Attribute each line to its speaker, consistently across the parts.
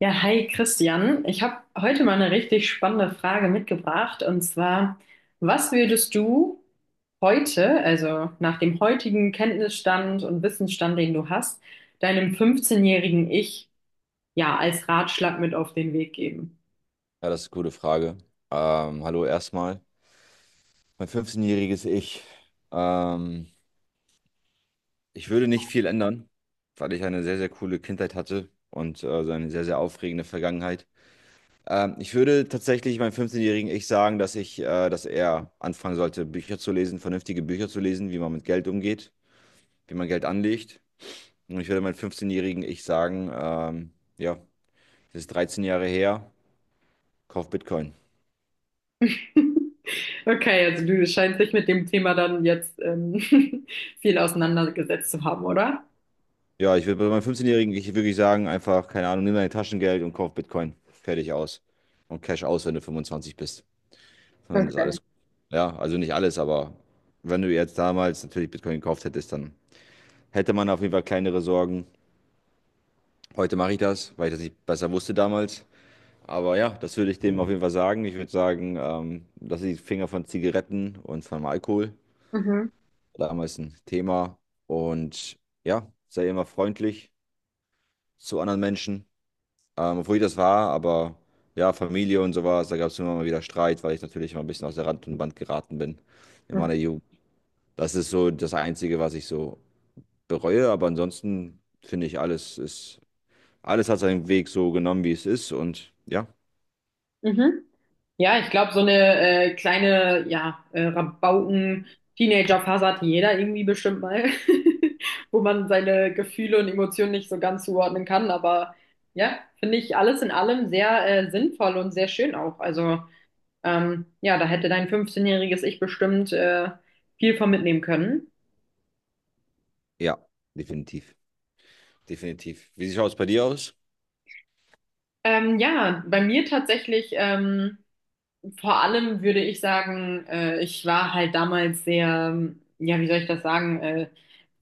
Speaker 1: Ja, hi Christian. Ich habe heute mal eine richtig spannende Frage mitgebracht, und zwar, was würdest du heute, also nach dem heutigen Kenntnisstand und Wissensstand, den du hast, deinem 15-jährigen Ich ja als Ratschlag mit auf den Weg geben?
Speaker 2: Ja, das ist eine gute Frage. Hallo erstmal. Mein 15-jähriges Ich. Ähm, Ich würde nicht viel ändern, weil ich eine sehr, sehr coole Kindheit hatte und so eine sehr, sehr aufregende Vergangenheit. Ich würde tatsächlich meinem 15-jährigen Ich sagen, dass er anfangen sollte, Bücher zu lesen, vernünftige Bücher zu lesen, wie man mit Geld umgeht, wie man Geld anlegt. Und ich würde meinem 15-jährigen Ich sagen, ja, das ist 13 Jahre her, kauf Bitcoin.
Speaker 1: Okay, also du scheinst dich mit dem Thema dann jetzt viel auseinandergesetzt zu haben, oder?
Speaker 2: Ja, ich würde bei meinem 15-Jährigen ich wirklich sagen, einfach, keine Ahnung, nimm dein Taschengeld und kauf Bitcoin. Fertig aus. Und Cash aus, wenn du 25 bist. Und dann ist
Speaker 1: Okay.
Speaker 2: alles. Ja, also nicht alles, aber wenn du jetzt damals natürlich Bitcoin gekauft hättest, dann hätte man auf jeden Fall kleinere Sorgen. Heute mache ich das, weil ich das nicht besser wusste damals. Aber ja, das würde ich dem auf jeden Fall sagen. Ich würde sagen, lass die Finger von Zigaretten und von Alkohol.
Speaker 1: Mhm.
Speaker 2: Damals ein Thema. Und ja, sei immer freundlich zu anderen Menschen. Obwohl ich das war, aber ja, Familie und sowas, da gab es immer mal wieder Streit, weil ich natürlich mal ein bisschen aus der Rand und Band geraten bin in meiner Jugend. Das ist so das Einzige, was ich so bereue, aber ansonsten finde ich, alles hat seinen Weg so genommen, wie es ist und ja,
Speaker 1: Mhm. Ja, ich glaube, so eine kleine, ja, Rabauken-Teenager-Phase hat jeder irgendwie bestimmt mal, wo man seine Gefühle und Emotionen nicht so ganz zuordnen kann. Aber ja, finde ich alles in allem sehr sinnvoll und sehr schön auch. Also ja, da hätte dein 15-jähriges Ich bestimmt viel von mitnehmen können.
Speaker 2: ja, definitiv, definitiv. Wie schaut es bei dir aus?
Speaker 1: Ja, bei mir tatsächlich, vor allem würde ich sagen, ich war halt damals sehr, ja, wie soll ich das sagen,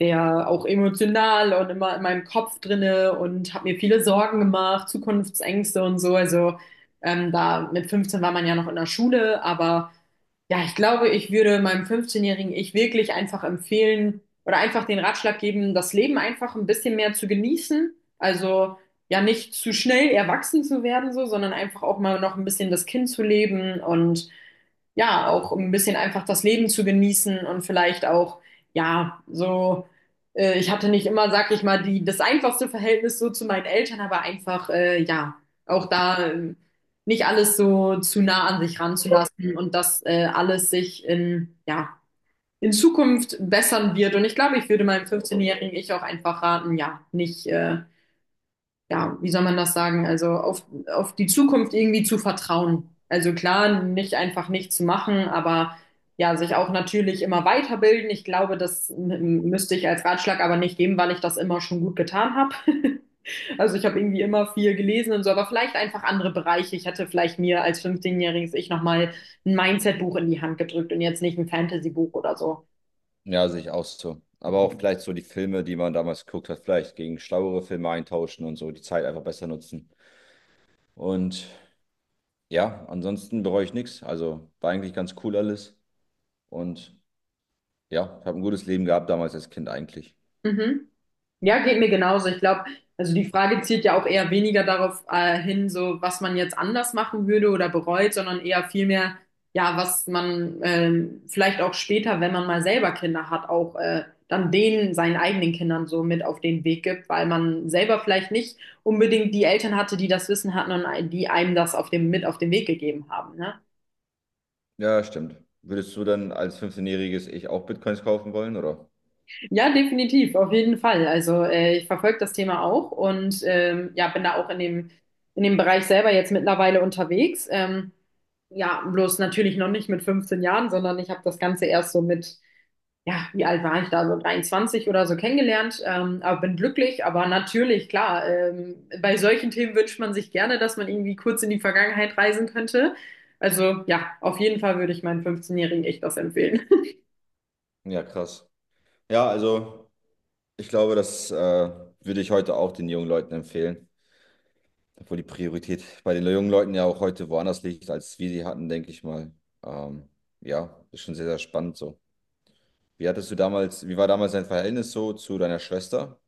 Speaker 1: sehr auch emotional und immer in meinem Kopf drinne und habe mir viele Sorgen gemacht, Zukunftsängste und so. Also da mit 15 war man ja noch in der Schule, aber ja, ich glaube, ich würde meinem 15-jährigen Ich wirklich einfach empfehlen oder einfach den Ratschlag geben, das Leben einfach ein bisschen mehr zu genießen. Also ja, nicht zu schnell erwachsen zu werden so, sondern einfach auch mal noch ein bisschen das Kind zu leben, und ja, auch um ein bisschen einfach das Leben zu genießen und vielleicht auch, ja, so, ich hatte nicht immer, sag ich mal, die, das einfachste Verhältnis so zu meinen Eltern, aber einfach, ja, auch da nicht alles so zu nah an sich ranzulassen, und dass alles sich in, ja, in Zukunft bessern wird. Und ich glaube, ich würde meinem 15-jährigen Ich auch einfach raten, ja, nicht, ja, wie soll man das sagen? Also auf die Zukunft irgendwie zu vertrauen. Also klar, nicht einfach nichts zu machen, aber ja, sich auch natürlich immer weiterbilden. Ich glaube, das müsste ich als Ratschlag aber nicht geben, weil ich das immer schon gut getan habe. Also ich habe irgendwie immer viel gelesen und so, aber vielleicht einfach andere Bereiche. Ich hätte vielleicht mir als fünfzehnjähriges jähriges Ich nochmal ein Mindset-Buch in die Hand gedrückt und jetzt nicht ein Fantasy-Buch oder so.
Speaker 2: Ja, sehe ich auch so. Aber auch vielleicht so die Filme, die man damals geguckt hat, vielleicht gegen schlauere Filme eintauschen und so die Zeit einfach besser nutzen. Und ja, ansonsten bereue ich nichts. Also war eigentlich ganz cool alles. Und ja, ich habe ein gutes Leben gehabt damals als Kind eigentlich.
Speaker 1: Mhm. Ja, geht mir genauso. Ich glaube, also die Frage zielt ja auch eher weniger darauf hin, so was man jetzt anders machen würde oder bereut, sondern eher vielmehr, ja, was man vielleicht auch später, wenn man mal selber Kinder hat, auch dann denen, seinen eigenen Kindern so mit auf den Weg gibt, weil man selber vielleicht nicht unbedingt die Eltern hatte, die das Wissen hatten und die einem das auf dem, mit auf den Weg gegeben haben, ne?
Speaker 2: Ja, stimmt. Würdest du dann als 15-jähriges Ich auch Bitcoins kaufen wollen, oder?
Speaker 1: Ja, definitiv, auf jeden Fall. Also ich verfolge das Thema auch, und ja, bin da auch in dem Bereich selber jetzt mittlerweile unterwegs. Ja, bloß natürlich noch nicht mit 15 Jahren, sondern ich habe das Ganze erst so mit, ja, wie alt war ich da, so 23 oder so kennengelernt. Aber bin glücklich, aber natürlich, klar, bei solchen Themen wünscht man sich gerne, dass man irgendwie kurz in die Vergangenheit reisen könnte. Also ja, auf jeden Fall würde ich meinen 15-Jährigen echt das empfehlen.
Speaker 2: Ja, krass. Ja, also ich glaube, das würde ich heute auch den jungen Leuten empfehlen. Obwohl die Priorität bei den jungen Leuten ja auch heute woanders liegt, als wir sie hatten, denke ich mal. Ähm, ja, ist schon sehr, sehr spannend so. Wie war damals dein Verhältnis so zu deiner Schwester?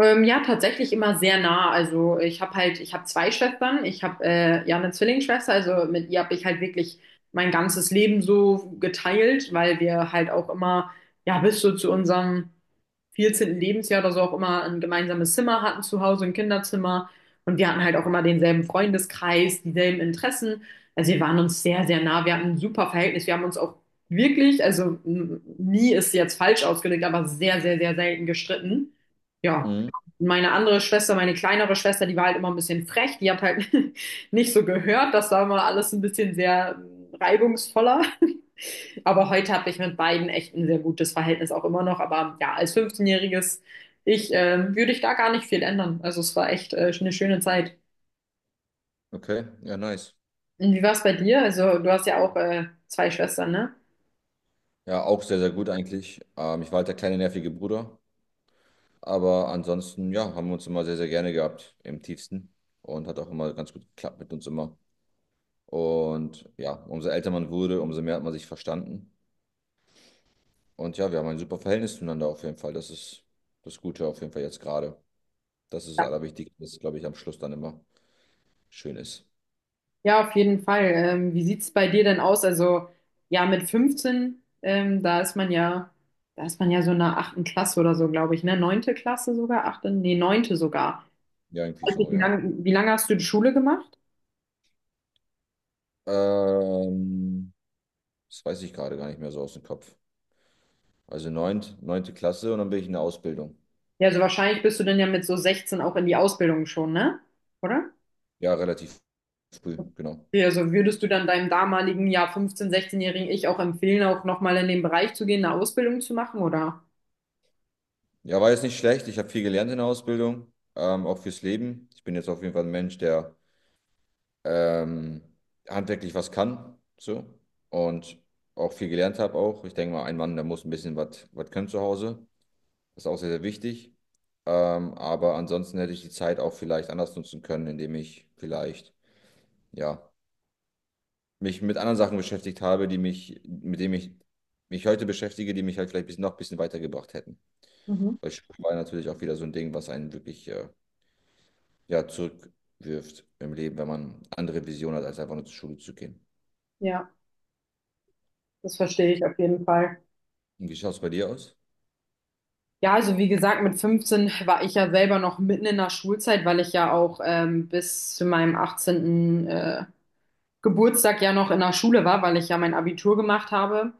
Speaker 1: Ja, tatsächlich immer sehr nah. Also ich habe halt, ich habe zwei Schwestern. Ich habe ja eine Zwillingsschwester. Also mit ihr habe ich halt wirklich mein ganzes Leben so geteilt, weil wir halt auch immer, ja, bis so zu unserem 14. Lebensjahr oder so auch immer ein gemeinsames Zimmer hatten zu Hause, ein Kinderzimmer. Und wir hatten halt auch immer denselben Freundeskreis, dieselben Interessen. Also wir waren uns sehr, sehr nah. Wir hatten ein super Verhältnis. Wir haben uns auch wirklich, also nie ist jetzt falsch ausgedrückt, aber sehr, sehr, sehr selten gestritten. Ja.
Speaker 2: Mhm.
Speaker 1: Meine andere Schwester, meine kleinere Schwester, die war halt immer ein bisschen frech. Die hat halt nicht so gehört. Das war immer alles ein bisschen sehr reibungsvoller. Aber heute habe ich mit beiden echt ein sehr gutes Verhältnis auch immer noch. Aber ja, als 15-jähriges Ich würde ich da gar nicht viel ändern. Also es war echt eine schöne Zeit.
Speaker 2: Okay, ja, nice.
Speaker 1: Und wie war es bei dir? Also du hast ja auch zwei Schwestern, ne?
Speaker 2: Ja, auch sehr, sehr gut eigentlich. Ich war halt der kleine nervige Bruder. Aber ansonsten, ja, haben wir uns immer sehr, sehr gerne gehabt im tiefsten. Und hat auch immer ganz gut geklappt mit uns immer. Und ja, umso älter man wurde, umso mehr hat man sich verstanden. Und ja, wir haben ein super Verhältnis zueinander auf jeden Fall. Das ist das Gute auf jeden Fall jetzt gerade. Das ist das
Speaker 1: Ja,
Speaker 2: Allerwichtigste, was, glaube ich, am Schluss dann immer schön ist.
Speaker 1: Ja, auf jeden Fall. Wie sieht es bei dir denn aus? Also ja, mit 15, da ist man ja so in der achten Klasse oder so, glaube ich, ne? Neunte Klasse sogar, achte, nee, neunte sogar.
Speaker 2: Ja, irgendwie
Speaker 1: Weiß
Speaker 2: so,
Speaker 1: nicht, Wie
Speaker 2: ja.
Speaker 1: lang, wie lange hast du die Schule gemacht?
Speaker 2: Ähm, Das weiß ich gerade gar nicht mehr so aus dem Kopf. Also neunte Klasse und dann bin ich in der Ausbildung.
Speaker 1: Ja, also wahrscheinlich bist du dann ja mit so 16 auch in die Ausbildung schon, ne? Oder?
Speaker 2: Ja, relativ früh, genau.
Speaker 1: Okay, also würdest du dann deinem damaligen, ja, 15-, 16-jährigen Ich auch empfehlen, auch nochmal in den Bereich zu gehen, eine Ausbildung zu machen, oder?
Speaker 2: Ja, war jetzt nicht schlecht. Ich habe viel gelernt in der Ausbildung, auch fürs Leben. Ich bin jetzt auf jeden Fall ein Mensch, der ähm, handwerklich was kann, so. Und auch viel gelernt habe auch. Ich denke mal, ein Mann, der muss ein bisschen was können zu Hause. Das ist auch sehr, sehr wichtig. Aber ansonsten hätte ich die Zeit auch vielleicht anders nutzen können, indem ich vielleicht, ja, mich mit anderen Sachen beschäftigt habe, mit denen ich mich heute beschäftige, die mich halt vielleicht noch ein bisschen weitergebracht hätten.
Speaker 1: Mhm.
Speaker 2: Weil Schule war natürlich auch wieder so ein Ding, was einen wirklich ja, zurückwirft im Leben, wenn man andere Visionen hat, als einfach nur zur Schule zu gehen.
Speaker 1: Ja, das verstehe ich auf jeden Fall.
Speaker 2: Und wie schaut es bei dir aus?
Speaker 1: Ja, also wie gesagt, mit 15 war ich ja selber noch mitten in der Schulzeit, weil ich ja auch bis zu meinem 18. Geburtstag ja noch in der Schule war, weil ich ja mein Abitur gemacht habe.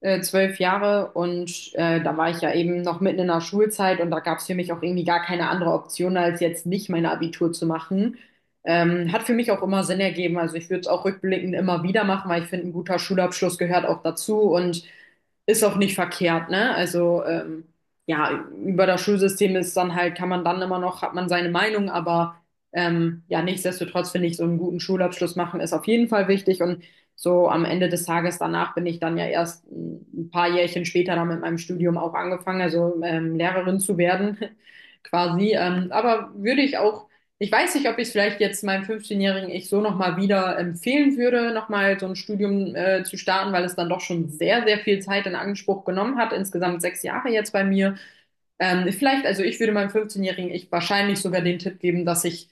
Speaker 1: 12 Jahre, und da war ich ja eben noch mitten in der Schulzeit, und da gab es für mich auch irgendwie gar keine andere Option, als jetzt nicht mein Abitur zu machen. Hat für mich auch immer Sinn ergeben. Also ich würde es auch rückblickend immer wieder machen, weil ich finde, ein guter Schulabschluss gehört auch dazu und ist auch nicht verkehrt, ne? Also ja, über das Schulsystem ist dann halt, kann man dann immer noch, hat man seine Meinung, aber ja, nichtsdestotrotz finde ich, so einen guten Schulabschluss machen ist auf jeden Fall wichtig, und so am Ende des Tages danach bin ich dann ja erst ein paar Jährchen später dann mit meinem Studium auch angefangen, also Lehrerin zu werden quasi. Aber würde ich auch, ich weiß nicht, ob ich es vielleicht jetzt meinem fünfzehnjährigen Ich so nochmal wieder empfehlen würde, nochmal so ein Studium zu starten, weil es dann doch schon sehr, sehr viel Zeit in Anspruch genommen hat. Insgesamt 6 Jahre jetzt bei mir. Vielleicht, also ich würde meinem 15-jährigen Ich wahrscheinlich sogar den Tipp geben, dass ich,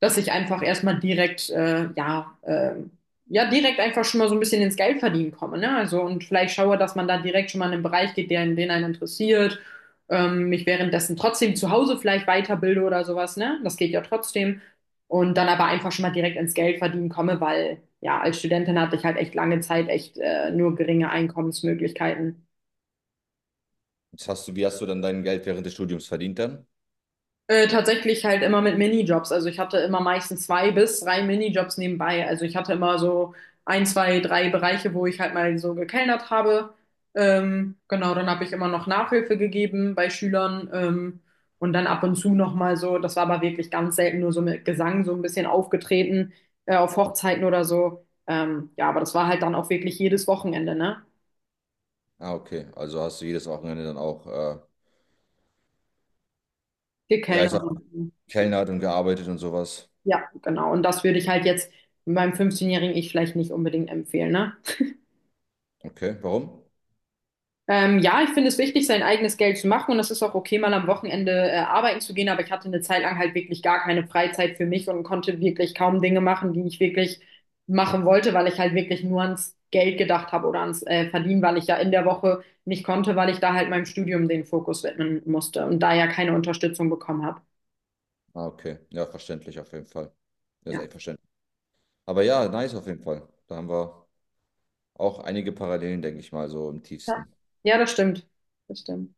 Speaker 1: dass ich einfach erstmal direkt, ja, ja, direkt einfach schon mal so ein bisschen ins Geld verdienen komme, ne? Also und vielleicht schaue, dass man da direkt schon mal in einen Bereich geht, der in den einen interessiert, mich währenddessen trotzdem zu Hause vielleicht weiterbilde oder sowas, ne? Das geht ja trotzdem. Und dann aber einfach schon mal direkt ins Geld verdienen komme, weil ja, als Studentin hatte ich halt echt lange Zeit echt nur geringe Einkommensmöglichkeiten.
Speaker 2: Wie hast du dann dein Geld während des Studiums verdient dann?
Speaker 1: Tatsächlich halt immer mit Minijobs. Also ich hatte immer meistens zwei bis drei Minijobs nebenbei. Also ich hatte immer so ein, zwei, drei Bereiche, wo ich halt mal so gekellnert habe. Genau, dann habe ich immer noch Nachhilfe gegeben bei Schülern. Und dann ab und zu nochmal so, das war aber wirklich ganz selten, nur so mit Gesang so ein bisschen aufgetreten, auf Hochzeiten oder so. Ja, aber das war halt dann auch wirklich jedes Wochenende, ne?
Speaker 2: Ah, okay. Also hast du jedes Wochenende dann auch, ja, ich
Speaker 1: Gekellnert.
Speaker 2: sag, mal, gekellnert und gearbeitet und sowas.
Speaker 1: Ja, genau. Und das würde ich halt jetzt meinem 15-jährigen Ich vielleicht nicht unbedingt empfehlen, ne?
Speaker 2: Okay, warum?
Speaker 1: Ja, ich finde es wichtig, sein eigenes Geld zu machen, und es ist auch okay, mal am Wochenende arbeiten zu gehen, aber ich hatte eine Zeit lang halt wirklich gar keine Freizeit für mich und konnte wirklich kaum Dinge machen, die ich wirklich machen wollte, weil ich halt wirklich nur ans Geld gedacht habe oder ans Verdienen, weil ich ja in der Woche nicht konnte, weil ich da halt meinem Studium den Fokus widmen musste und da ja keine Unterstützung bekommen habe.
Speaker 2: Ah, okay. Ja, verständlich auf jeden Fall. Das ist
Speaker 1: Ja.
Speaker 2: echt verständlich. Aber ja, nice auf jeden Fall. Da haben wir auch einige Parallelen, denke ich mal, so im
Speaker 1: Ja,
Speaker 2: tiefsten.
Speaker 1: Ja, das stimmt. Das stimmt.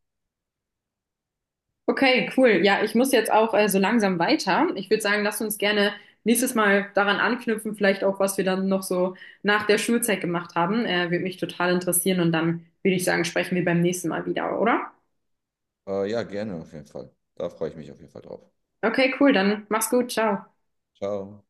Speaker 1: Okay, cool. Ja, ich muss jetzt auch so langsam weiter. Ich würde sagen, lass uns gerne nächstes Mal daran anknüpfen, vielleicht auch, was wir dann noch so nach der Schulzeit gemacht haben. Würde mich total interessieren, und dann würde ich sagen, sprechen wir beim nächsten Mal wieder, oder?
Speaker 2: Ja, gerne auf jeden Fall. Da freue ich mich auf jeden Fall drauf.
Speaker 1: Okay, cool. Dann mach's gut. Ciao.
Speaker 2: Ciao.